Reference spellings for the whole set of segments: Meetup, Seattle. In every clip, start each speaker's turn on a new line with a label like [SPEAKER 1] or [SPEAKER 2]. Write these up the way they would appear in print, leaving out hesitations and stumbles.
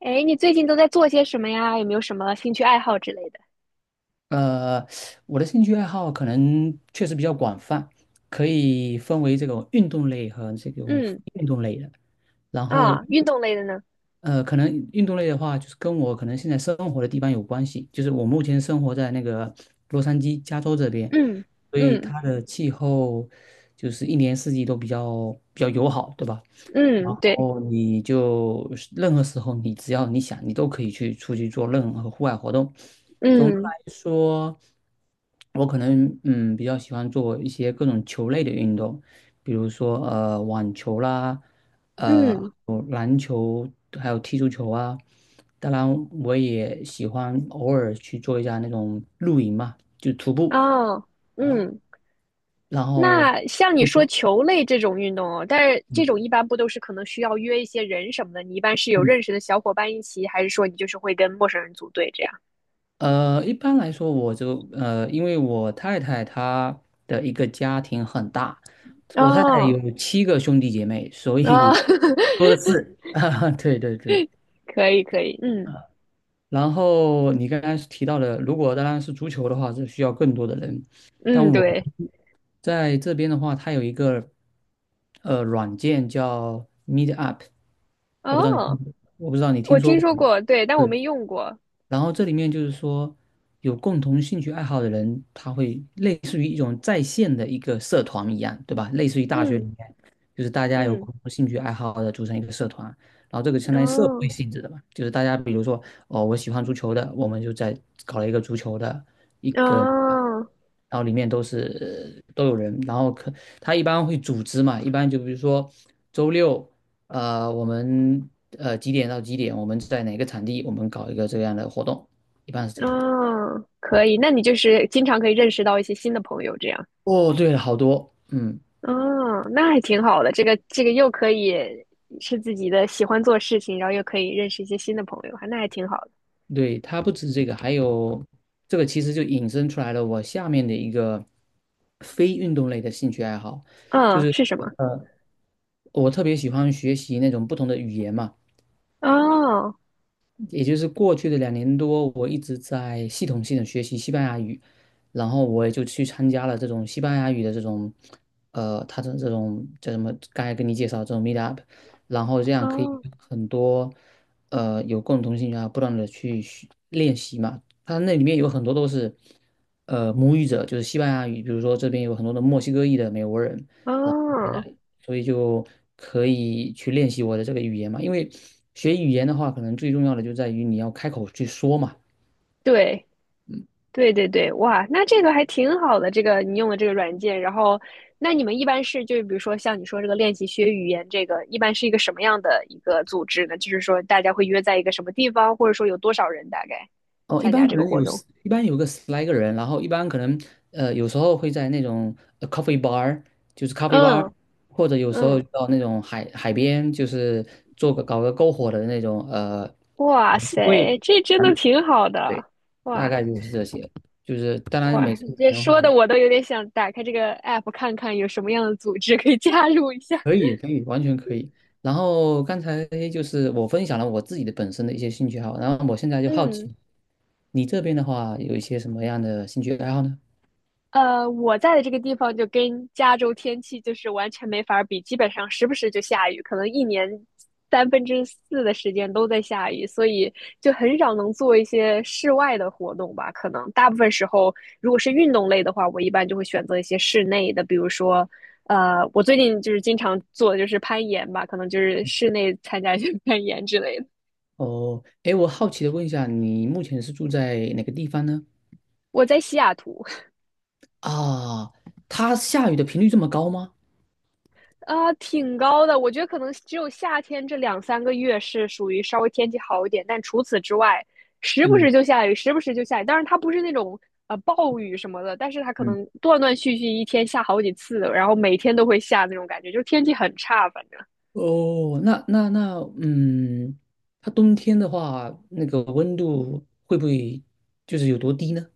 [SPEAKER 1] 哎，你最近都在做些什么呀？有没有什么兴趣爱好之类的？
[SPEAKER 2] 呃，我的兴趣爱好可能确实比较广泛，可以分为这种运动类和这种非
[SPEAKER 1] 嗯。
[SPEAKER 2] 运动类的。然后，
[SPEAKER 1] 啊，运动类的呢？
[SPEAKER 2] 可能运动类的话，就是跟我可能现在生活的地方有关系，就是我目前生活在那个洛杉矶，加州这边，
[SPEAKER 1] 嗯
[SPEAKER 2] 所以
[SPEAKER 1] 嗯
[SPEAKER 2] 它的气候就是一年四季都比较友好，对吧？
[SPEAKER 1] 嗯，对，
[SPEAKER 2] 哦，你就是任何时候，你只要你想，你都可以去出去做任何户外活动。总的
[SPEAKER 1] 嗯
[SPEAKER 2] 来说，我可能比较喜欢做一些各种球类的运动，比如说网球啦，
[SPEAKER 1] 嗯，
[SPEAKER 2] 还有踢足球啊。当然，我也喜欢偶尔去做一下那种露营嘛，就徒步。
[SPEAKER 1] 哦，嗯。
[SPEAKER 2] 然后
[SPEAKER 1] 那像你
[SPEAKER 2] 你
[SPEAKER 1] 说
[SPEAKER 2] 说，
[SPEAKER 1] 球类这种运动哦，但是这
[SPEAKER 2] 嗯
[SPEAKER 1] 种一般不都是可能需要约一些人什么的？你一般是有
[SPEAKER 2] 嗯
[SPEAKER 1] 认识的小伙伴一起，还是说你就是会跟陌生人组队这样？
[SPEAKER 2] 一般来说，因为我太太她的一个家庭很大，我太太
[SPEAKER 1] 哦
[SPEAKER 2] 有7个兄弟姐妹，所
[SPEAKER 1] 哦，
[SPEAKER 2] 以多 的是。啊，对对对。
[SPEAKER 1] 可以可以，嗯
[SPEAKER 2] 然后你刚刚提到的，如果当然是足球的话，是需要更多的人。但
[SPEAKER 1] 嗯，
[SPEAKER 2] 我
[SPEAKER 1] 对，
[SPEAKER 2] 们在这边的话，它有一个软件叫 Meetup，
[SPEAKER 1] 哦，
[SPEAKER 2] 我不知道你听
[SPEAKER 1] 我
[SPEAKER 2] 说
[SPEAKER 1] 听
[SPEAKER 2] 过
[SPEAKER 1] 说
[SPEAKER 2] 没？
[SPEAKER 1] 过，对，但我没用过，
[SPEAKER 2] 然后这里面就是说，有共同兴趣爱好的人，他会类似于一种在线的一个社团一样，对吧？类似于大学里
[SPEAKER 1] 嗯
[SPEAKER 2] 面，就是大家有
[SPEAKER 1] 嗯，
[SPEAKER 2] 共同兴趣爱好的组成一个社团，然后这个相当于社会
[SPEAKER 1] 哦。
[SPEAKER 2] 性质的嘛，就是大家比如说，哦，我喜欢足球的，我们就在搞了一个足球的一个。
[SPEAKER 1] 哦
[SPEAKER 2] 然后里面都是都有人，然后他一般会组织嘛，一般就比如说周六。我们几点到几点？我们在哪个场地？我们搞一个这样的活动，一般是这样的。
[SPEAKER 1] 哦，可以，那你就是经常可以认识到一些新的朋友，这样，
[SPEAKER 2] 哦，对了，好多，嗯，
[SPEAKER 1] 哦，那还挺好的。这个又可以是自己的喜欢做事情，然后又可以认识一些新的朋友，那还挺好的。
[SPEAKER 2] 对，它不止这个，还有这个其实就引申出来了我下面的一个非运动类的兴趣爱好，就
[SPEAKER 1] 嗯，
[SPEAKER 2] 是
[SPEAKER 1] 是什么？
[SPEAKER 2] 我特别喜欢学习那种不同的语言嘛。
[SPEAKER 1] 哦
[SPEAKER 2] 也就是过去的2年多，我一直在系统性的学习西班牙语，然后我也就去参加了这种西班牙语的这种，他的这种叫什么？刚才跟你介绍这种 meet up，然后这样可以
[SPEAKER 1] 哦
[SPEAKER 2] 跟很多，有共同兴趣啊，不断的去学练习嘛。他那里面有很多都是，母语者，就是西班牙语，比如说这边有很多的墨西哥裔的美国人，在那
[SPEAKER 1] 哦，
[SPEAKER 2] 里，所以就可以去练习我的这个语言嘛。因为学语言的话，可能最重要的就在于你要开口去说嘛。
[SPEAKER 1] 对，对对对，哇，那这个还挺好的，这个你用的这个软件，然后那你们一般是就是比如说像你说这个练习学语言，这个一般是一个什么样的一个组织呢？就是说大家会约在一个什么地方，或者说有多少人大概
[SPEAKER 2] 哦，
[SPEAKER 1] 参加这个活动？
[SPEAKER 2] 一般有个10来个人，然后一般可能有时候会在那种coffee bar，就是咖啡 bar，
[SPEAKER 1] 嗯
[SPEAKER 2] 或者有时候
[SPEAKER 1] 嗯。
[SPEAKER 2] 到那种海边，就是搞个篝火的那种，
[SPEAKER 1] 哇塞，
[SPEAKER 2] 会，
[SPEAKER 1] 这真的挺好
[SPEAKER 2] 对，
[SPEAKER 1] 的。
[SPEAKER 2] 大
[SPEAKER 1] 哇
[SPEAKER 2] 概就是这些。就是当然每
[SPEAKER 1] 哇，
[SPEAKER 2] 次
[SPEAKER 1] 你
[SPEAKER 2] 可
[SPEAKER 1] 这
[SPEAKER 2] 能
[SPEAKER 1] 说的
[SPEAKER 2] 会。
[SPEAKER 1] 我都有点想打开这个 app 看看有什么样的组织可以加入一下。
[SPEAKER 2] 可以，可以，完全可以。然后刚才就是我分享了我自己的本身的一些兴趣爱好，然后我现在就好奇，
[SPEAKER 1] 嗯。
[SPEAKER 2] 你这边的话有一些什么样的兴趣爱好呢？
[SPEAKER 1] 我在的这个地方就跟加州天气就是完全没法儿比，基本上时不时就下雨，可能一年3/4的时间都在下雨，所以就很少能做一些室外的活动吧。可能大部分时候，如果是运动类的话，我一般就会选择一些室内的，比如说，我最近就是经常做的就是攀岩吧，可能就是室内参加一些 攀岩之类的。
[SPEAKER 2] 哦，哎，我好奇的问一下，你目前是住在哪个地方呢？
[SPEAKER 1] 我在西雅图。
[SPEAKER 2] 啊，它下雨的频率这么高吗？
[SPEAKER 1] 啊，挺高的，我觉得可能只有夏天这两三个月是属于稍微天气好一点，但除此之外，时不
[SPEAKER 2] 嗯
[SPEAKER 1] 时就下雨，时不时就下雨。当然，它不是那种暴雨什么的，但是它可
[SPEAKER 2] 嗯。
[SPEAKER 1] 能断断续续一天下好几次，然后每天都会下那种感觉，就是天气很差，反正。
[SPEAKER 2] 哦，那那那，嗯，它冬天的话，那个温度会不会就是有多低呢？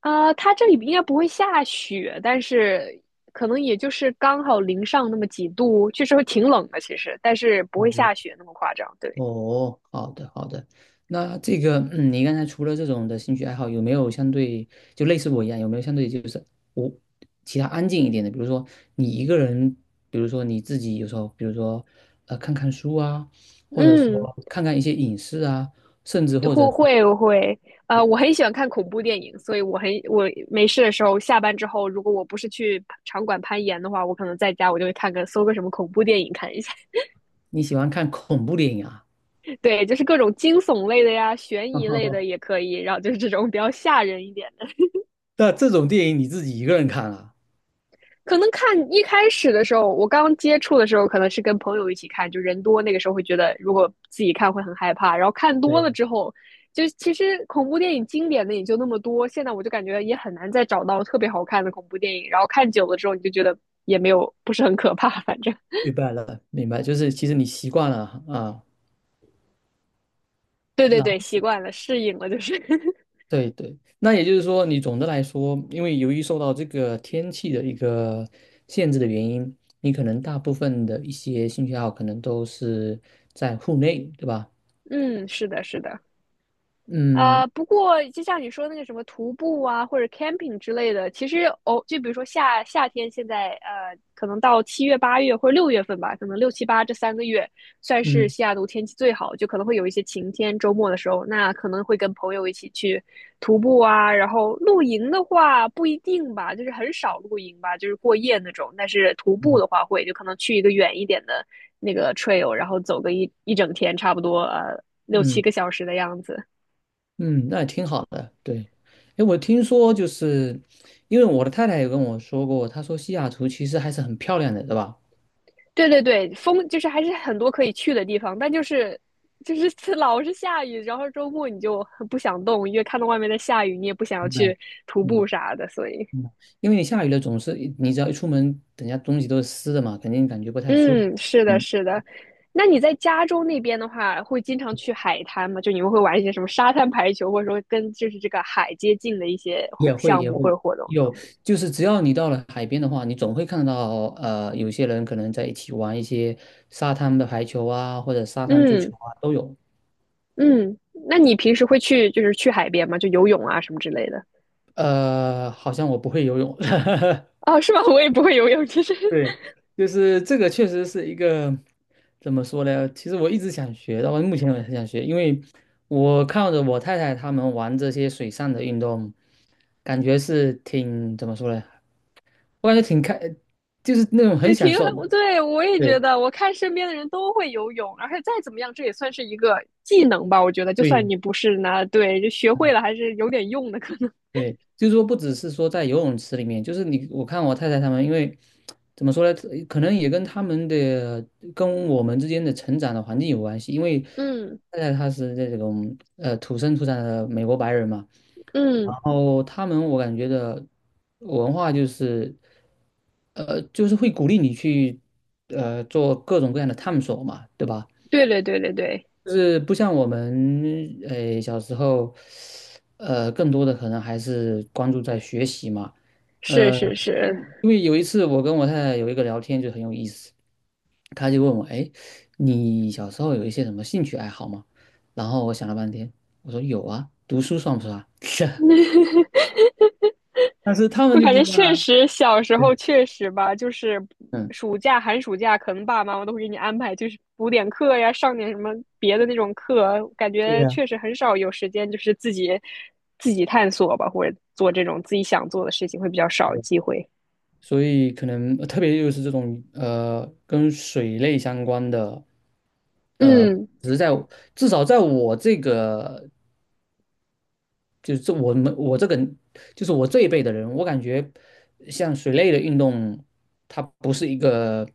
[SPEAKER 1] 啊，它这里应该不会下雪，但是可能也就是刚好零上那么几度，确实会挺冷的，其实，但是不会
[SPEAKER 2] 哦，
[SPEAKER 1] 下雪那么夸张，对。
[SPEAKER 2] 哦，好的好的，那这个，你刚才除了这种的兴趣爱好，有没有相对就类似我一样，有没有相对就是我其他安静一点的？比如说你一个人，比如说你自己有时候，比如说看看书啊，或者
[SPEAKER 1] 嗯。
[SPEAKER 2] 说看看一些影视啊，甚至或者
[SPEAKER 1] 我会，我很喜欢看恐怖电影，所以我没事的时候，下班之后，如果我不是去场馆攀岩的话，我可能在家我就会看个搜个什么恐怖电影看一下。
[SPEAKER 2] 你喜欢看恐怖电影啊，
[SPEAKER 1] 对，就是各种惊悚类的呀，悬疑类 的也可以，然后就是这种比较吓人一点的。
[SPEAKER 2] 那这种电影你自己一个人看啊？
[SPEAKER 1] 可能看一开始的时候，我刚接触的时候，可能是跟朋友一起看，就人多，那个时候会觉得如果自己看会很害怕。然后看
[SPEAKER 2] 对
[SPEAKER 1] 多了
[SPEAKER 2] 呀，
[SPEAKER 1] 之后，就其实恐怖电影经典的也就那么多，现在我就感觉也很难再找到特别好看的恐怖电影。然后看久了之后，你就觉得也没有不是很可怕，反正。
[SPEAKER 2] 明白了，明白，就是其实你习惯了啊。啊
[SPEAKER 1] 对对对，
[SPEAKER 2] 那。
[SPEAKER 1] 习惯了，适应了，就是。
[SPEAKER 2] 对对，那也就是说，你总的来说，因为由于受到这个天气的一个限制的原因，你可能大部分的一些兴趣爱好可能都是在户内，对吧？
[SPEAKER 1] 嗯，是的，是的。
[SPEAKER 2] 嗯
[SPEAKER 1] 不过就像你说那个什么徒步啊，或者 camping 之类的，其实哦，就比如说夏天，现在可能到7月、8月或者6月份吧，可能六七八这三个月算是
[SPEAKER 2] 嗯
[SPEAKER 1] 西雅图天气最好，就可能会有一些晴天。周末的时候，那可能会跟朋友一起去徒步啊，然后露营的话不一定吧，就是很少露营吧，就是过夜那种。但是徒步
[SPEAKER 2] 嗯
[SPEAKER 1] 的话会，就可能去一个远一点的那个 trail，然后走个一整天，差不多六七
[SPEAKER 2] 嗯
[SPEAKER 1] 个小时的样子。
[SPEAKER 2] 嗯，那也挺好的。对，哎，我听说就是，因为我的太太也跟我说过，她说西雅图其实还是很漂亮的，对吧？
[SPEAKER 1] 对对对，风就是还是很多可以去的地方，但就是 老是下雨，然后周末你就很不想动，因为看到外面在下雨，你也不想要
[SPEAKER 2] 明
[SPEAKER 1] 去
[SPEAKER 2] 白。
[SPEAKER 1] 徒
[SPEAKER 2] 嗯
[SPEAKER 1] 步啥的，所以
[SPEAKER 2] 嗯，因为你下雨了，总是你只要一出门，等下东西都是湿的嘛，肯定感觉不太舒服。
[SPEAKER 1] 嗯，是的，
[SPEAKER 2] 嗯。
[SPEAKER 1] 是的。那你在加州那边的话，会经常去海滩吗？就你们会玩一些什么沙滩排球，或者说跟就是这个海接近的一些活
[SPEAKER 2] 也会
[SPEAKER 1] 项
[SPEAKER 2] 也
[SPEAKER 1] 目或
[SPEAKER 2] 会
[SPEAKER 1] 者活动？
[SPEAKER 2] 有，就是只要你到了海边的话，你总会看到有些人可能在一起玩一些沙滩的排球啊，或者沙滩足
[SPEAKER 1] 嗯
[SPEAKER 2] 球啊，都有。
[SPEAKER 1] 嗯。那你平时会去就是去海边吗？就游泳啊什么之类的？
[SPEAKER 2] 好像我不会游泳，
[SPEAKER 1] 哦，是吗？我也不会游泳，其实。
[SPEAKER 2] 对，就是这个确实是一个怎么说呢？其实我一直想学，到目前我也很想学，因为我看着我太太他们玩这些水上的运动，感觉是挺怎么说呢？我感觉挺开，就是那种很
[SPEAKER 1] 对，挺
[SPEAKER 2] 享受
[SPEAKER 1] 我
[SPEAKER 2] 的。
[SPEAKER 1] 对我也觉
[SPEAKER 2] 对
[SPEAKER 1] 得，我看身边的人都会游泳，而且再怎么样，这也算是一个技能吧。我觉得，就算
[SPEAKER 2] 对。
[SPEAKER 1] 你不是呢，对，就学会了还是有点用的，可能。
[SPEAKER 2] 对，就是说不只是说在游泳池里面，就是你我看我太太他们，因为怎么说呢，可能也跟他们的跟我们之间的成长的环境有关系。因为
[SPEAKER 1] 嗯
[SPEAKER 2] 太太她是这种土生土长的美国白人嘛，然
[SPEAKER 1] 嗯，
[SPEAKER 2] 后他们我感觉的文化就是会鼓励你去做各种各样的探索嘛，对吧？
[SPEAKER 1] 对对对对对，
[SPEAKER 2] 就是不像我们小时候更多的可能还是关注在学习嘛。
[SPEAKER 1] 是
[SPEAKER 2] 呃，
[SPEAKER 1] 是是，
[SPEAKER 2] 因为有一次我跟我太太有一个聊天就很有意思，她就问我，哎，你小时候有一些什么兴趣爱好吗？然后我想了半天，我说有啊，读书算不算啊？但是他们
[SPEAKER 1] 我
[SPEAKER 2] 就
[SPEAKER 1] 感
[SPEAKER 2] 不
[SPEAKER 1] 觉
[SPEAKER 2] 一样
[SPEAKER 1] 确
[SPEAKER 2] 啊。
[SPEAKER 1] 实小时
[SPEAKER 2] 对，
[SPEAKER 1] 候确实吧，就是
[SPEAKER 2] 嗯，
[SPEAKER 1] 暑假、寒暑假，可能爸爸妈妈都会给你安排，就是补点课呀，上点什么别的那种课，感
[SPEAKER 2] 对
[SPEAKER 1] 觉
[SPEAKER 2] 呀，
[SPEAKER 1] 确实很少有时间，就是自己探索吧，或者做这种自己想做的事情会比较少
[SPEAKER 2] 对呀
[SPEAKER 1] 机会。
[SPEAKER 2] 所以可能特别就是这种跟水类相关的，呃，
[SPEAKER 1] 嗯
[SPEAKER 2] 只是在至少在我这个就是这我们我这个就是我这一辈的人，我感觉像水类的运动，它不是一个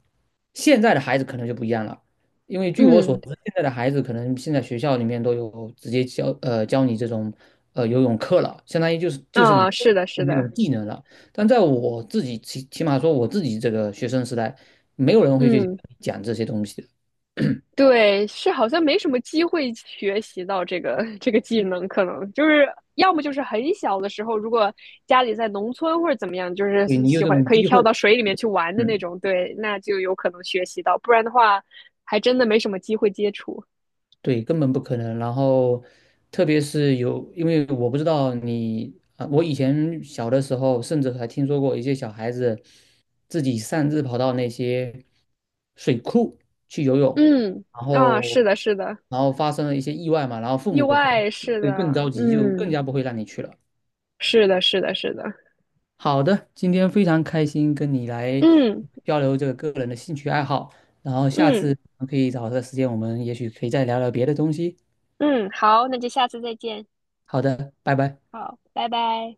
[SPEAKER 2] 现在的孩子可能就不一样了，因为据我所
[SPEAKER 1] 嗯。
[SPEAKER 2] 知，现在的孩子可能现在学校里面都有直接教你这种游泳课了，相当于就是你
[SPEAKER 1] 啊，是的，是
[SPEAKER 2] 那种
[SPEAKER 1] 的。
[SPEAKER 2] 技能了。但在我自己起码说我自己这个学生时代，没有人会去
[SPEAKER 1] 嗯，
[SPEAKER 2] 讲这些东西的，
[SPEAKER 1] 对，是好像没什么机会学习到这个 这个技能，可能就是要么就是很小的时候，如果家里在农村或者怎么样，就是
[SPEAKER 2] 所以你有
[SPEAKER 1] 喜
[SPEAKER 2] 这
[SPEAKER 1] 欢
[SPEAKER 2] 种
[SPEAKER 1] 可以
[SPEAKER 2] 机会，
[SPEAKER 1] 跳到水里面去玩的那
[SPEAKER 2] 嗯。
[SPEAKER 1] 种，对，那就有可能学习到，不然的话，还真的没什么机会接触。
[SPEAKER 2] 对，根本不可能。然后，特别是有，因为我不知道你啊，我以前小的时候，甚至还听说过一些小孩子自己擅自跑到那些水库去游泳，
[SPEAKER 1] 嗯。
[SPEAKER 2] 然
[SPEAKER 1] 啊，是
[SPEAKER 2] 后，
[SPEAKER 1] 的，是的。
[SPEAKER 2] 然后发生了一些意外嘛，然后父
[SPEAKER 1] 意
[SPEAKER 2] 母可能
[SPEAKER 1] 外，是的。
[SPEAKER 2] 会更着急，就更
[SPEAKER 1] 嗯，
[SPEAKER 2] 加不会让你去了。
[SPEAKER 1] 是的，是的，是的。
[SPEAKER 2] 好的，今天非常开心跟你来
[SPEAKER 1] 嗯
[SPEAKER 2] 交流这个个人的兴趣爱好，然后下
[SPEAKER 1] 嗯
[SPEAKER 2] 次可以找个时间，我们也许可以再聊聊别的东西。
[SPEAKER 1] 嗯，好，那就下次再见。
[SPEAKER 2] 好的，拜拜。
[SPEAKER 1] 好，拜拜。